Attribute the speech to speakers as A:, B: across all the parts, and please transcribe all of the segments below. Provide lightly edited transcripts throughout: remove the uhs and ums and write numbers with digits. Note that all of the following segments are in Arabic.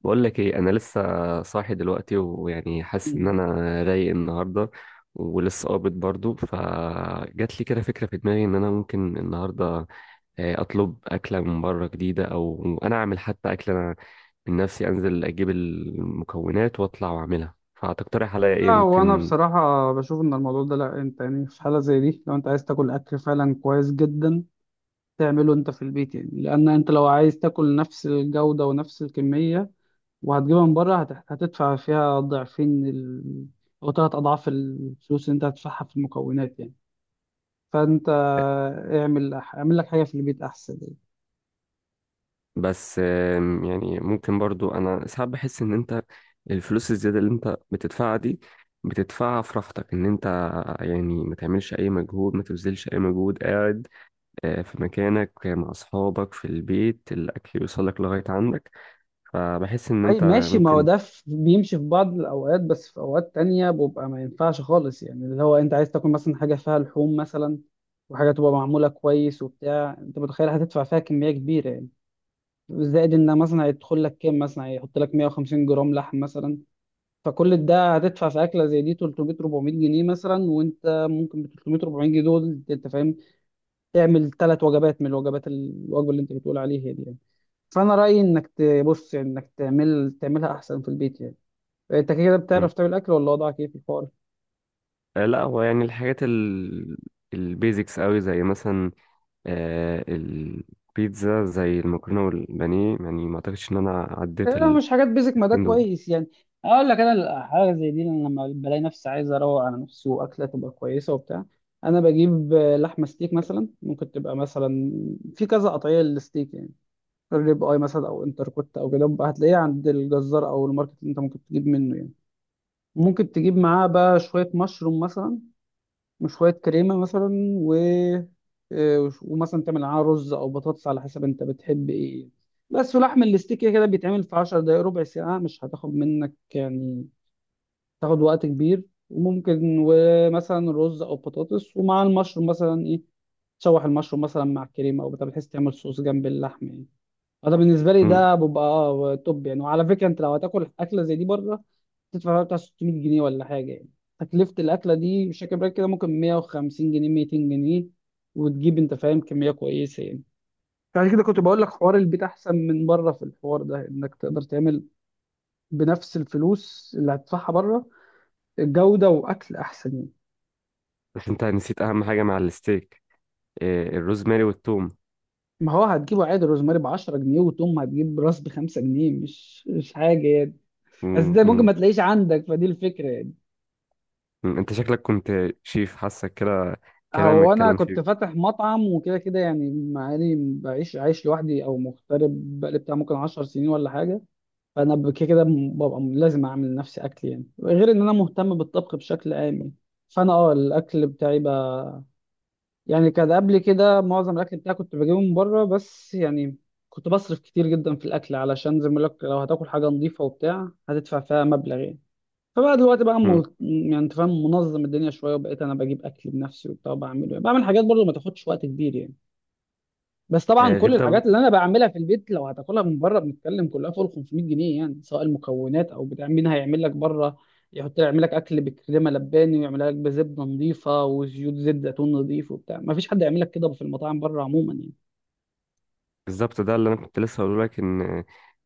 A: بقول لك ايه؟ انا لسه صاحي دلوقتي، ويعني حاسس ان
B: مم.
A: انا رايق النهارده، ولسه قابض برضو. فجات لي كده فكره في دماغي ان انا ممكن النهارده اطلب اكله من بره جديده، او انا اعمل حتى اكله. انا من نفسي انزل اجيب المكونات واطلع واعملها، فهتقترح عليا ايه
B: لا، وانا
A: ممكن؟
B: بصراحة بشوف ان الموضوع ده، لا انت يعني في حالة زي دي لو انت عايز تاكل اكل فعلا كويس جدا تعمله انت في البيت، يعني لان انت لو عايز تاكل نفس الجودة ونفس الكمية وهتجيبها من بره هتدفع فيها ضعفين او ثلاث اضعاف الفلوس اللي انت هتدفعها في المكونات يعني. فانت اعمل لك حاجة في البيت احسن يعني.
A: بس يعني ممكن برضو، انا ساعات بحس ان انت الفلوس الزياده اللي انت بتدفعها دي بتدفعها في راحتك، ان انت يعني ما تعملش اي مجهود، ما تبذلش اي مجهود، قاعد في مكانك مع اصحابك في البيت، الاكل يوصلك لغايه عندك. فبحس ان
B: طيب
A: انت
B: ماشي، ما هو
A: ممكن.
B: ده بيمشي في بعض الأوقات، بس في أوقات تانية بيبقى ما ينفعش خالص، يعني اللي هو أنت عايز تاكل مثلا حاجة فيها لحوم مثلا وحاجة تبقى معمولة كويس وبتاع، أنت متخيل هتدفع فيها كمية كبيرة يعني. زائد إن مثلا هيدخل لك كام، مثلا هيحط لك 150 جرام لحم مثلا. فكل ده هتدفع في أكلة زي دي 300 400 جنيه مثلا، وأنت ممكن ب 300 400 جنيه دول أنت فاهم تعمل ثلاث وجبات من الوجبات، الوجبة اللي أنت بتقول عليها دي يعني. فأنا رأيي إنك تبص، يعني إنك تعملها أحسن في البيت يعني. انت كده
A: مم.
B: بتعرف تعمل اكل ولا وضعك ايه في الحوار؟
A: لا، هو يعني الحاجات ال البيزكس قوي، زي مثلا البيتزا، زي المكرونه والبانيه، يعني ما اعتقدش ان انا عديت
B: لا،
A: ال
B: مش حاجات بيزك، ما ده
A: دول.
B: كويس يعني. اقول لك انا حاجه زي دي، أنا لما بلاقي نفسي عايز اروق على نفسي واكله تبقى كويسه وبتاع، انا بجيب لحمه ستيك مثلا، ممكن تبقى مثلا في كذا قطعيه للستيك يعني، ريب اي مثلا او انتركوت او كده بقى، هتلاقيه عند الجزار او الماركت اللي انت ممكن تجيب منه يعني. ممكن تجيب معاه بقى شويه مشروم مثلا، وشوية كريمة مثلا، و ومثلا تعمل معاها رز أو بطاطس على حسب أنت بتحب إيه. بس ولحم الاستيك كده كده بيتعمل في 10 دقايق، ربع ساعة مش هتاخد منك يعني، تاخد وقت كبير. وممكن ومثلا رز أو بطاطس ومع المشروم مثلا إيه، تشوح المشروم مثلا مع الكريمة أو بتاع بحيث تعمل صوص جنب اللحم يعني. انا بالنسبه لي ده بيبقى اه توب يعني. وعلى فكره، انت لو هتاكل اكله زي دي بره تدفع فيها بتاع 600 جنيه ولا حاجه يعني. تكلفه الاكله دي مش فاكر بالك كده، ممكن 150 جنيه 200 جنيه، وتجيب انت فاهم كميه كويسه يعني. فعشان كده كنت بقول لك حوار البيت احسن من بره في الحوار ده، انك تقدر تعمل بنفس الفلوس اللي هتدفعها بره جوده واكل احسن يعني.
A: بس انت نسيت اهم حاجه مع الستيك، الروزماري والثوم.
B: ما هو هتجيبه عادي، روزماري ب 10 جنيه، وتوم هتجيب راس ب 5 جنيه، مش حاجه يعني. بس
A: مم،
B: ده ممكن
A: مم.
B: ما تلاقيش عندك، فدي الفكره يعني.
A: مم. انت شكلك كنت شيف، حاسك كده،
B: هو
A: كلامك
B: انا
A: كلام
B: كنت
A: شيف.
B: فاتح مطعم وكده كده يعني، مع اني بعيش عايش لوحدي او مغترب بقالي بتاع ممكن 10 سنين ولا حاجه. فانا ب- كده كده م- ببقى م- لازم اعمل لنفسي اكل يعني، غير ان انا مهتم بالطبخ بشكل عام يعني. فانا اه الاكل بتاعي بقى، يعني كان قبل كده معظم الاكل بتاعي كنت بجيبه من بره بس يعني، كنت بصرف كتير جدا في الاكل، علشان زي ما بقول لك لو هتاكل حاجه نظيفه وبتاع هتدفع فيها مبلغ يعني. فبقى دلوقتي بقى
A: مم.
B: يعني انت فاهم منظم الدنيا شويه، وبقيت انا بجيب اكل بنفسي وبتاع وبعمله يعني، بعمل حاجات برضو ما تاخدش وقت كبير يعني. بس طبعا كل
A: غير ده،
B: الحاجات اللي انا بعملها في البيت لو هتاكلها من بره بنتكلم كلها فوق ال 500 جنيه يعني، سواء المكونات او بتاع مين هيعمل لك بره، يحط يعمل لك اكل بكريمه لباني، ويعمل لك بزبده نظيفه وزيوت زيت، زيتون نظيف وبتاع، ما فيش حد يعمل لك كده في المطاعم بره عموما يعني.
A: بالظبط ده اللي انا كنت لسه هقوله لك. ان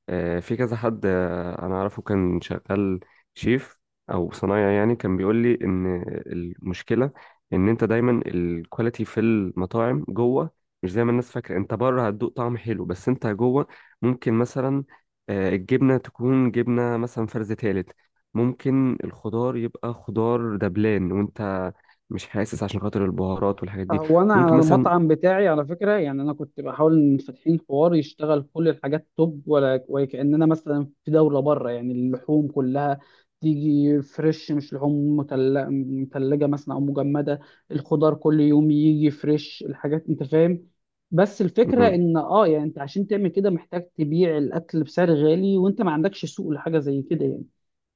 A: في كذا حد انا اعرفه كان شغال شيف او صنايعي، يعني كان بيقول لي ان المشكله ان انت دايما الكواليتي في المطاعم جوه مش زي ما الناس فاكره. انت بره هتدوق طعم حلو، بس انت جوه ممكن مثلا الجبنه تكون جبنه مثلا فرز تالت، ممكن الخضار يبقى خضار دبلان، وانت مش حاسس عشان خاطر البهارات والحاجات دي.
B: هو انا
A: ممكن
B: على
A: مثلا.
B: المطعم بتاعي على فكره يعني، انا كنت بحاول ان فاتحين حوار يشتغل كل الحاجات توب، ولا وكاننا مثلا في دوله بره يعني، اللحوم كلها تيجي فريش مش لحوم متلجه مثلا او مجمده. الخضار كل يوم يجي فريش الحاجات انت فاهم. بس الفكره
A: مم.
B: ان اه يعني انت عشان تعمل كده محتاج تبيع الاكل بسعر غالي، وانت ما عندكش سوق لحاجه زي كده يعني.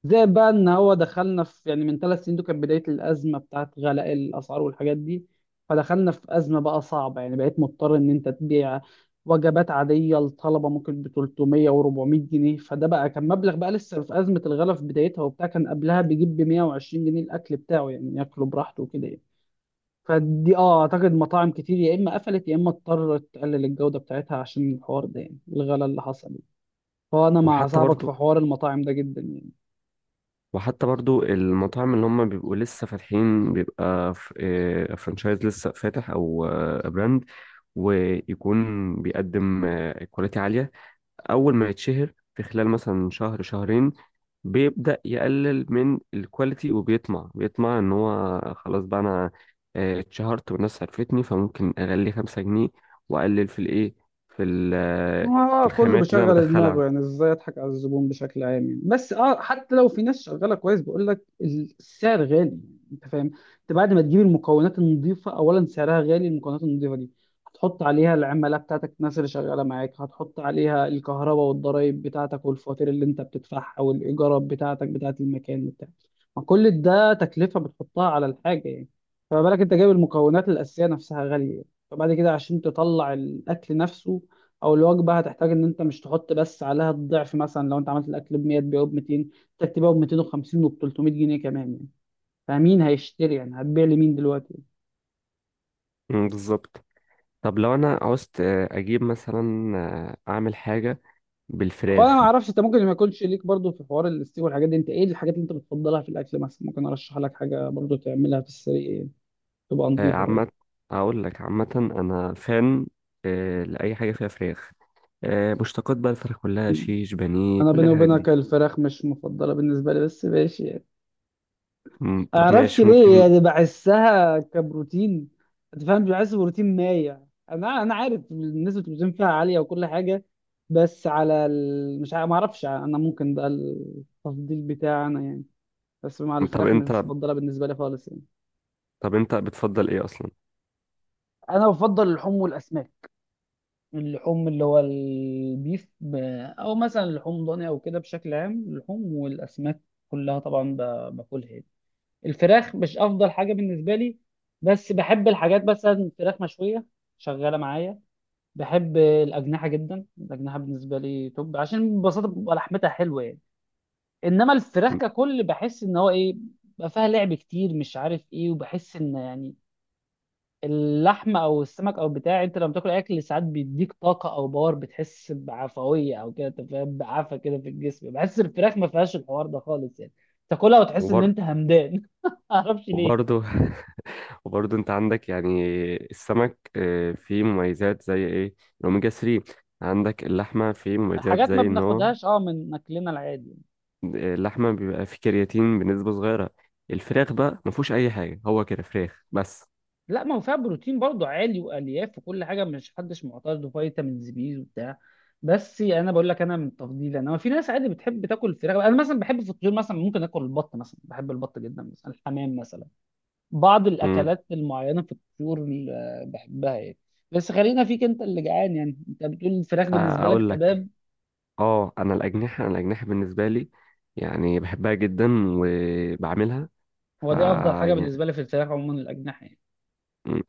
B: زائد بقى ان هو دخلنا في يعني من ثلاث سنين، دول كانت بدايه الازمه بتاعت غلاء الاسعار والحاجات دي. فدخلنا في ازمه بقى صعبه يعني، بقيت مضطر ان انت تبيع وجبات عاديه لطلبه ممكن ب 300 و400 جنيه، فده بقى كان مبلغ بقى، لسه في ازمه الغلاء في بدايتها وبتاع، كان قبلها بيجيب ب 120 جنيه الاكل بتاعه يعني، ياكله براحته وكده يعني. فدي اه اعتقد مطاعم كتير يا اما قفلت يا اما اضطرت تقلل الجوده بتاعتها عشان الحوار ده يعني، الغلاء اللي حصل يعني. فانا مع
A: وحتى
B: صاحبك في
A: برضو
B: حوار المطاعم ده جدا يعني.
A: وحتى برضو المطاعم اللي هم بيبقوا لسه فاتحين، بيبقى فرانشايز لسه فاتح، او براند ويكون بيقدم كواليتي عالية. أول ما يتشهر في خلال مثلا شهر شهرين، بيبدأ يقلل من الكواليتي، وبيطمع إن هو خلاص بقى، أنا اتشهرت والناس عرفتني، فممكن أغلي 5 جنيه وأقلل في الإيه، في ال- آه، في
B: اه كله
A: الخامات اللي أنا
B: بيشغل
A: بدخلها.
B: دماغه يعني ازاي اضحك على الزبون بشكل عام يعني، بس اه حتى لو في ناس شغاله كويس بقول لك السعر غالي، انت فاهم. انت بعد ما تجيب المكونات النظيفه اولا سعرها غالي، المكونات النظيفه دي هتحط عليها العماله بتاعتك، الناس اللي شغاله معاك، هتحط عليها الكهرباء والضرايب بتاعتك والفواتير اللي انت بتدفعها والايجارات بتاعتك بتاعت المكان بتاعك، ما كل ده تكلفه بتحطها على الحاجه يعني. فما بالك انت جايب المكونات الاساسيه نفسها غاليه يعني. فبعد كده عشان تطلع الاكل نفسه او الوجبه، هتحتاج ان انت مش تحط بس عليها الضعف، مثلا لو انت عملت الاكل ب 100 تبيعه ب 200، محتاج تبيعه ب 250 وب 300 جنيه كمان يعني. فمين هيشتري يعني هتبيع لمين دلوقتي؟
A: مم، بالظبط. طب لو انا عاوزت اجيب مثلا، اعمل حاجه
B: هو انا ما
A: بالفراخ.
B: اعرفش، انت ممكن ما يكونش ليك برضو في حوار الاستيك والحاجات دي، انت ايه الحاجات اللي انت بتفضلها في الاكل؟ مثلا ممكن ارشح لك حاجه برضو تعملها في السريع يعني، تبقى نظيفه برضو.
A: عامه، اقول لك عامه انا فان لاي حاجه فيها فراخ، مشتقات بقى الفراخ كلها، شيش، بانيه،
B: انا
A: كل
B: بيني
A: الحاجات
B: وبينك
A: دي.
B: الفراخ مش مفضله بالنسبه لي، بس ماشي يعني.
A: مم، طب
B: اعرفش
A: ماشي،
B: ليه
A: ممكن.
B: يعني، بحسها كبروتين، انت فاهم، بحس بروتين مايع. انا عارف نسبه البروتين فيها عاليه وكل حاجه، بس على مش ما اعرفش يعني، انا ممكن ده التفضيل بتاعي انا يعني. بس مع
A: طب
B: الفراخ مش
A: انت
B: مفضله بالنسبه لي خالص يعني.
A: طب انت بتفضل ايه اصلا؟
B: انا بفضل اللحوم والاسماك، اللحوم اللي هو البيف او مثلا لحوم ضاني او كده، بشكل عام اللحوم والاسماك كلها طبعا باكلها يعني. الفراخ مش افضل حاجه بالنسبه لي، بس بحب الحاجات مثلا فراخ مشويه شغاله معايا. بحب الاجنحه جدا، الاجنحه بالنسبه لي توب، عشان ببساطه بتبقى لحمتها حلوه يعني. انما الفراخ ككل بحس ان هو ايه، بقى فيها لعب كتير مش عارف ايه، وبحس ان يعني اللحمه او السمك او بتاع، انت لما بتاكل اكل ساعات بيديك طاقه او باور، بتحس بعفويه او كده، انت فاهم بعفه كده في الجسم، بحس الفراخ ما فيهاش الحوار ده خالص يعني. تاكلها وتحس ان
A: وبرضه
B: انت همدان معرفش ليه.
A: وبرضه وبرضه انت عندك يعني السمك فيه مميزات زي ايه، الاوميجا 3. عندك اللحمه فيه مميزات
B: حاجات ما
A: زي ان هو
B: بناخدهاش اه من اكلنا العادي.
A: اللحمه بيبقى فيه كرياتين بنسبه صغيره. الفراخ بقى ما فيهوش اي حاجه، هو كده فراخ بس.
B: لا ما هو فيها بروتين برضو عالي والياف وكل حاجه مش حدش معترض، وفيتامينز بي وبتاع. بس يعني انا بقول لك انا من تفضيلي انا. في ناس عادي بتحب تاكل الفراخ، انا مثلا بحب في الطيور، مثلا ممكن اكل البط مثلا، بحب البط جدا مثلا، الحمام مثلا، بعض
A: امم
B: الاكلات المعينه في الطيور اللي بحبها يعني. بس خلينا فيك انت اللي جعان يعني، انت بتقول الفراخ بالنسبه لك
A: اقول لك،
B: تمام.
A: اه انا الاجنحه بالنسبه لي يعني بحبها جدا وبعملها. ف
B: هو دي افضل حاجه
A: يعني
B: بالنسبه لي في الفراخ عموما الاجنحه يعني.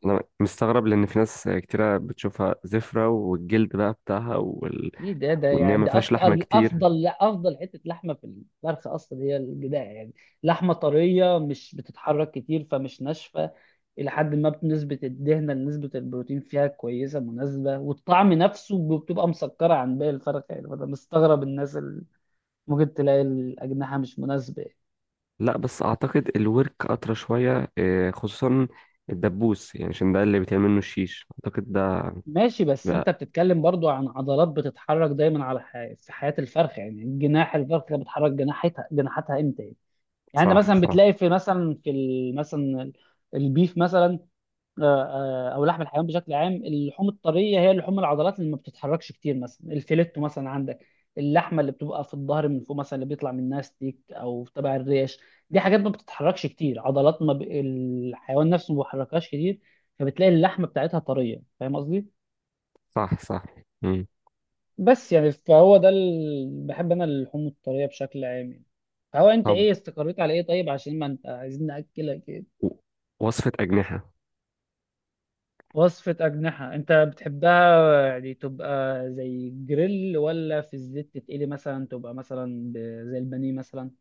A: انا مستغرب لان في ناس كتيره بتشوفها زفره، والجلد بقى بتاعها، وال...
B: ايه ده ده
A: وان هي
B: يعني
A: ما
B: ده
A: فيهاش
B: اكتر
A: لحمه كتير.
B: افضل لا افضل حته لحمه في الفرخ اصلا هي الجداع يعني، لحمه طريه مش بتتحرك كتير فمش ناشفه، الى حد ما نسبه الدهنه لنسبه البروتين فيها كويسه مناسبه، والطعم نفسه بتبقى مسكره عن باقي الفرخ يعني. فانا مستغرب الناس اللي ممكن تلاقي الاجنحه مش مناسبه.
A: لا، بس اعتقد الورك اطرى شويه، خصوصا الدبوس، يعني عشان ده اللي بيتعمل منه الشيش. اعتقد ده
B: ماشي، بس انت
A: بقى.
B: بتتكلم برضو عن عضلات بتتحرك دايما على في حياه الفرخ يعني، جناح الفرخ بتحرك جناحتها امتى يعني؟ يعني انت
A: صح،
B: مثلا
A: صح.
B: بتلاقي في مثلا مثلا البيف مثلا او لحم الحيوان بشكل عام، اللحوم الطريه هي لحوم العضلات اللي ما بتتحركش كتير، مثلا الفيليتو مثلا عندك، اللحمه اللي بتبقى في الظهر من فوق مثلا اللي بيطلع منها ستيك او تبع الريش، دي حاجات ما بتتحركش كتير، عضلات ما الحيوان نفسه ما بيحركهاش كتير، فبتلاقي اللحمه بتاعتها طريه، فاهم قصدي.
A: صح، صح. مم.
B: بس يعني فهو ده بحب انا اللحوم الطريه بشكل عام يعني. فهو انت
A: طب،
B: ايه استقريت على ايه؟ طيب عشان ما انت عايزين ناكلك إيه؟
A: و- وصفة أجنحة.
B: وصفة أجنحة أنت بتحبها يعني تبقى زي جريل ولا في الزيت تتقلي مثلا، تبقى مثلا زي البانيه مثلا؟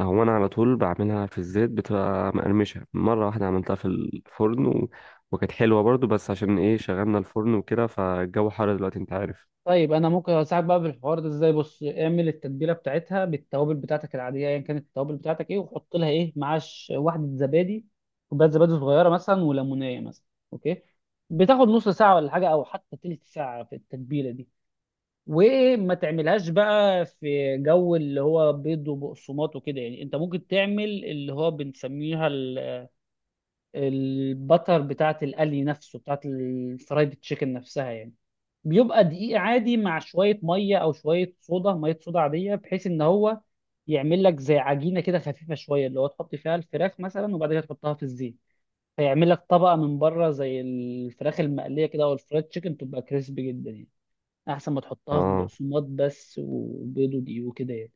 A: هو أنا على طول بعملها في الزيت، بتبقى مقرمشة. مرة واحدة عملتها في الفرن، و... وكانت حلوة برضو، بس عشان إيه شغلنا الفرن وكده، فالجو حر دلوقتي أنت عارف.
B: طيب أنا ممكن أساعدك بقى بالحوار ده إزاي، بص اعمل التتبيلة بتاعتها بالتوابل بتاعتك العادية، أيا كانت التوابل بتاعتك إيه، وحط لها إيه معاش واحدة زبادي، كوباية زبادي صغيرة مثلا وليمونية مثلا، أوكي؟ بتاخد نص ساعة ولا حاجة، أو حتى تلت ساعة في التتبيلة دي. وما تعملهاش بقى في جو اللي هو بيض وبقسماط وكده يعني، انت ممكن تعمل اللي هو بنسميها البتر بتاعت القلي نفسه بتاعت الفرايد تشيكن نفسها يعني. بيبقى دقيق عادي مع شوية مية أو شوية صودا، مية صودا عادية بحيث إن هو يعمل لك زي عجينة كده خفيفة شوية اللي هو تحط فيها الفراخ مثلا، وبعد كده تحطها في الزيت، فيعمل لك طبقة من بره زي الفراخ المقلية كده أو الفرايد تشيكن، تبقى كريسبي جدا يعني، احسن ما تحطها في
A: آه.
B: بقسماط بس وبيض ودقيق وكده يعني.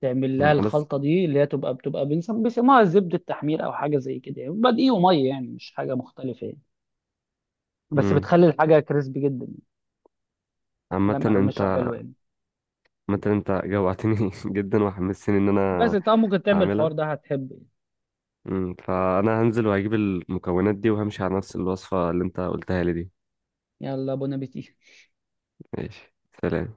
B: تعمل
A: مم.
B: لها الخلطه دي اللي هي تبقى بتبقى بيسموها زبده تحمير او حاجه زي كده يعني، بيبقى دقيق وميه يعني مش حاجه مختلفه يعني، بس
A: مم.
B: بتخلي الحاجه كريسبي جدا يعني،
A: عامة
B: لما مقرمشه
A: أنت
B: وحلوه يعني.
A: عامة أنت جوعتني جدا، وحمستني إن
B: بس
A: أنا
B: طبعا ممكن تعمل الحوار
A: أعملها.
B: ده هتحبه يعني.
A: مم. فأنا هنزل وهجيب المكونات دي، وهمشي على نفس الوصفة اللي أنت قلتها لي دي.
B: يلا، بون ابيتي.
A: ماشي. سلام.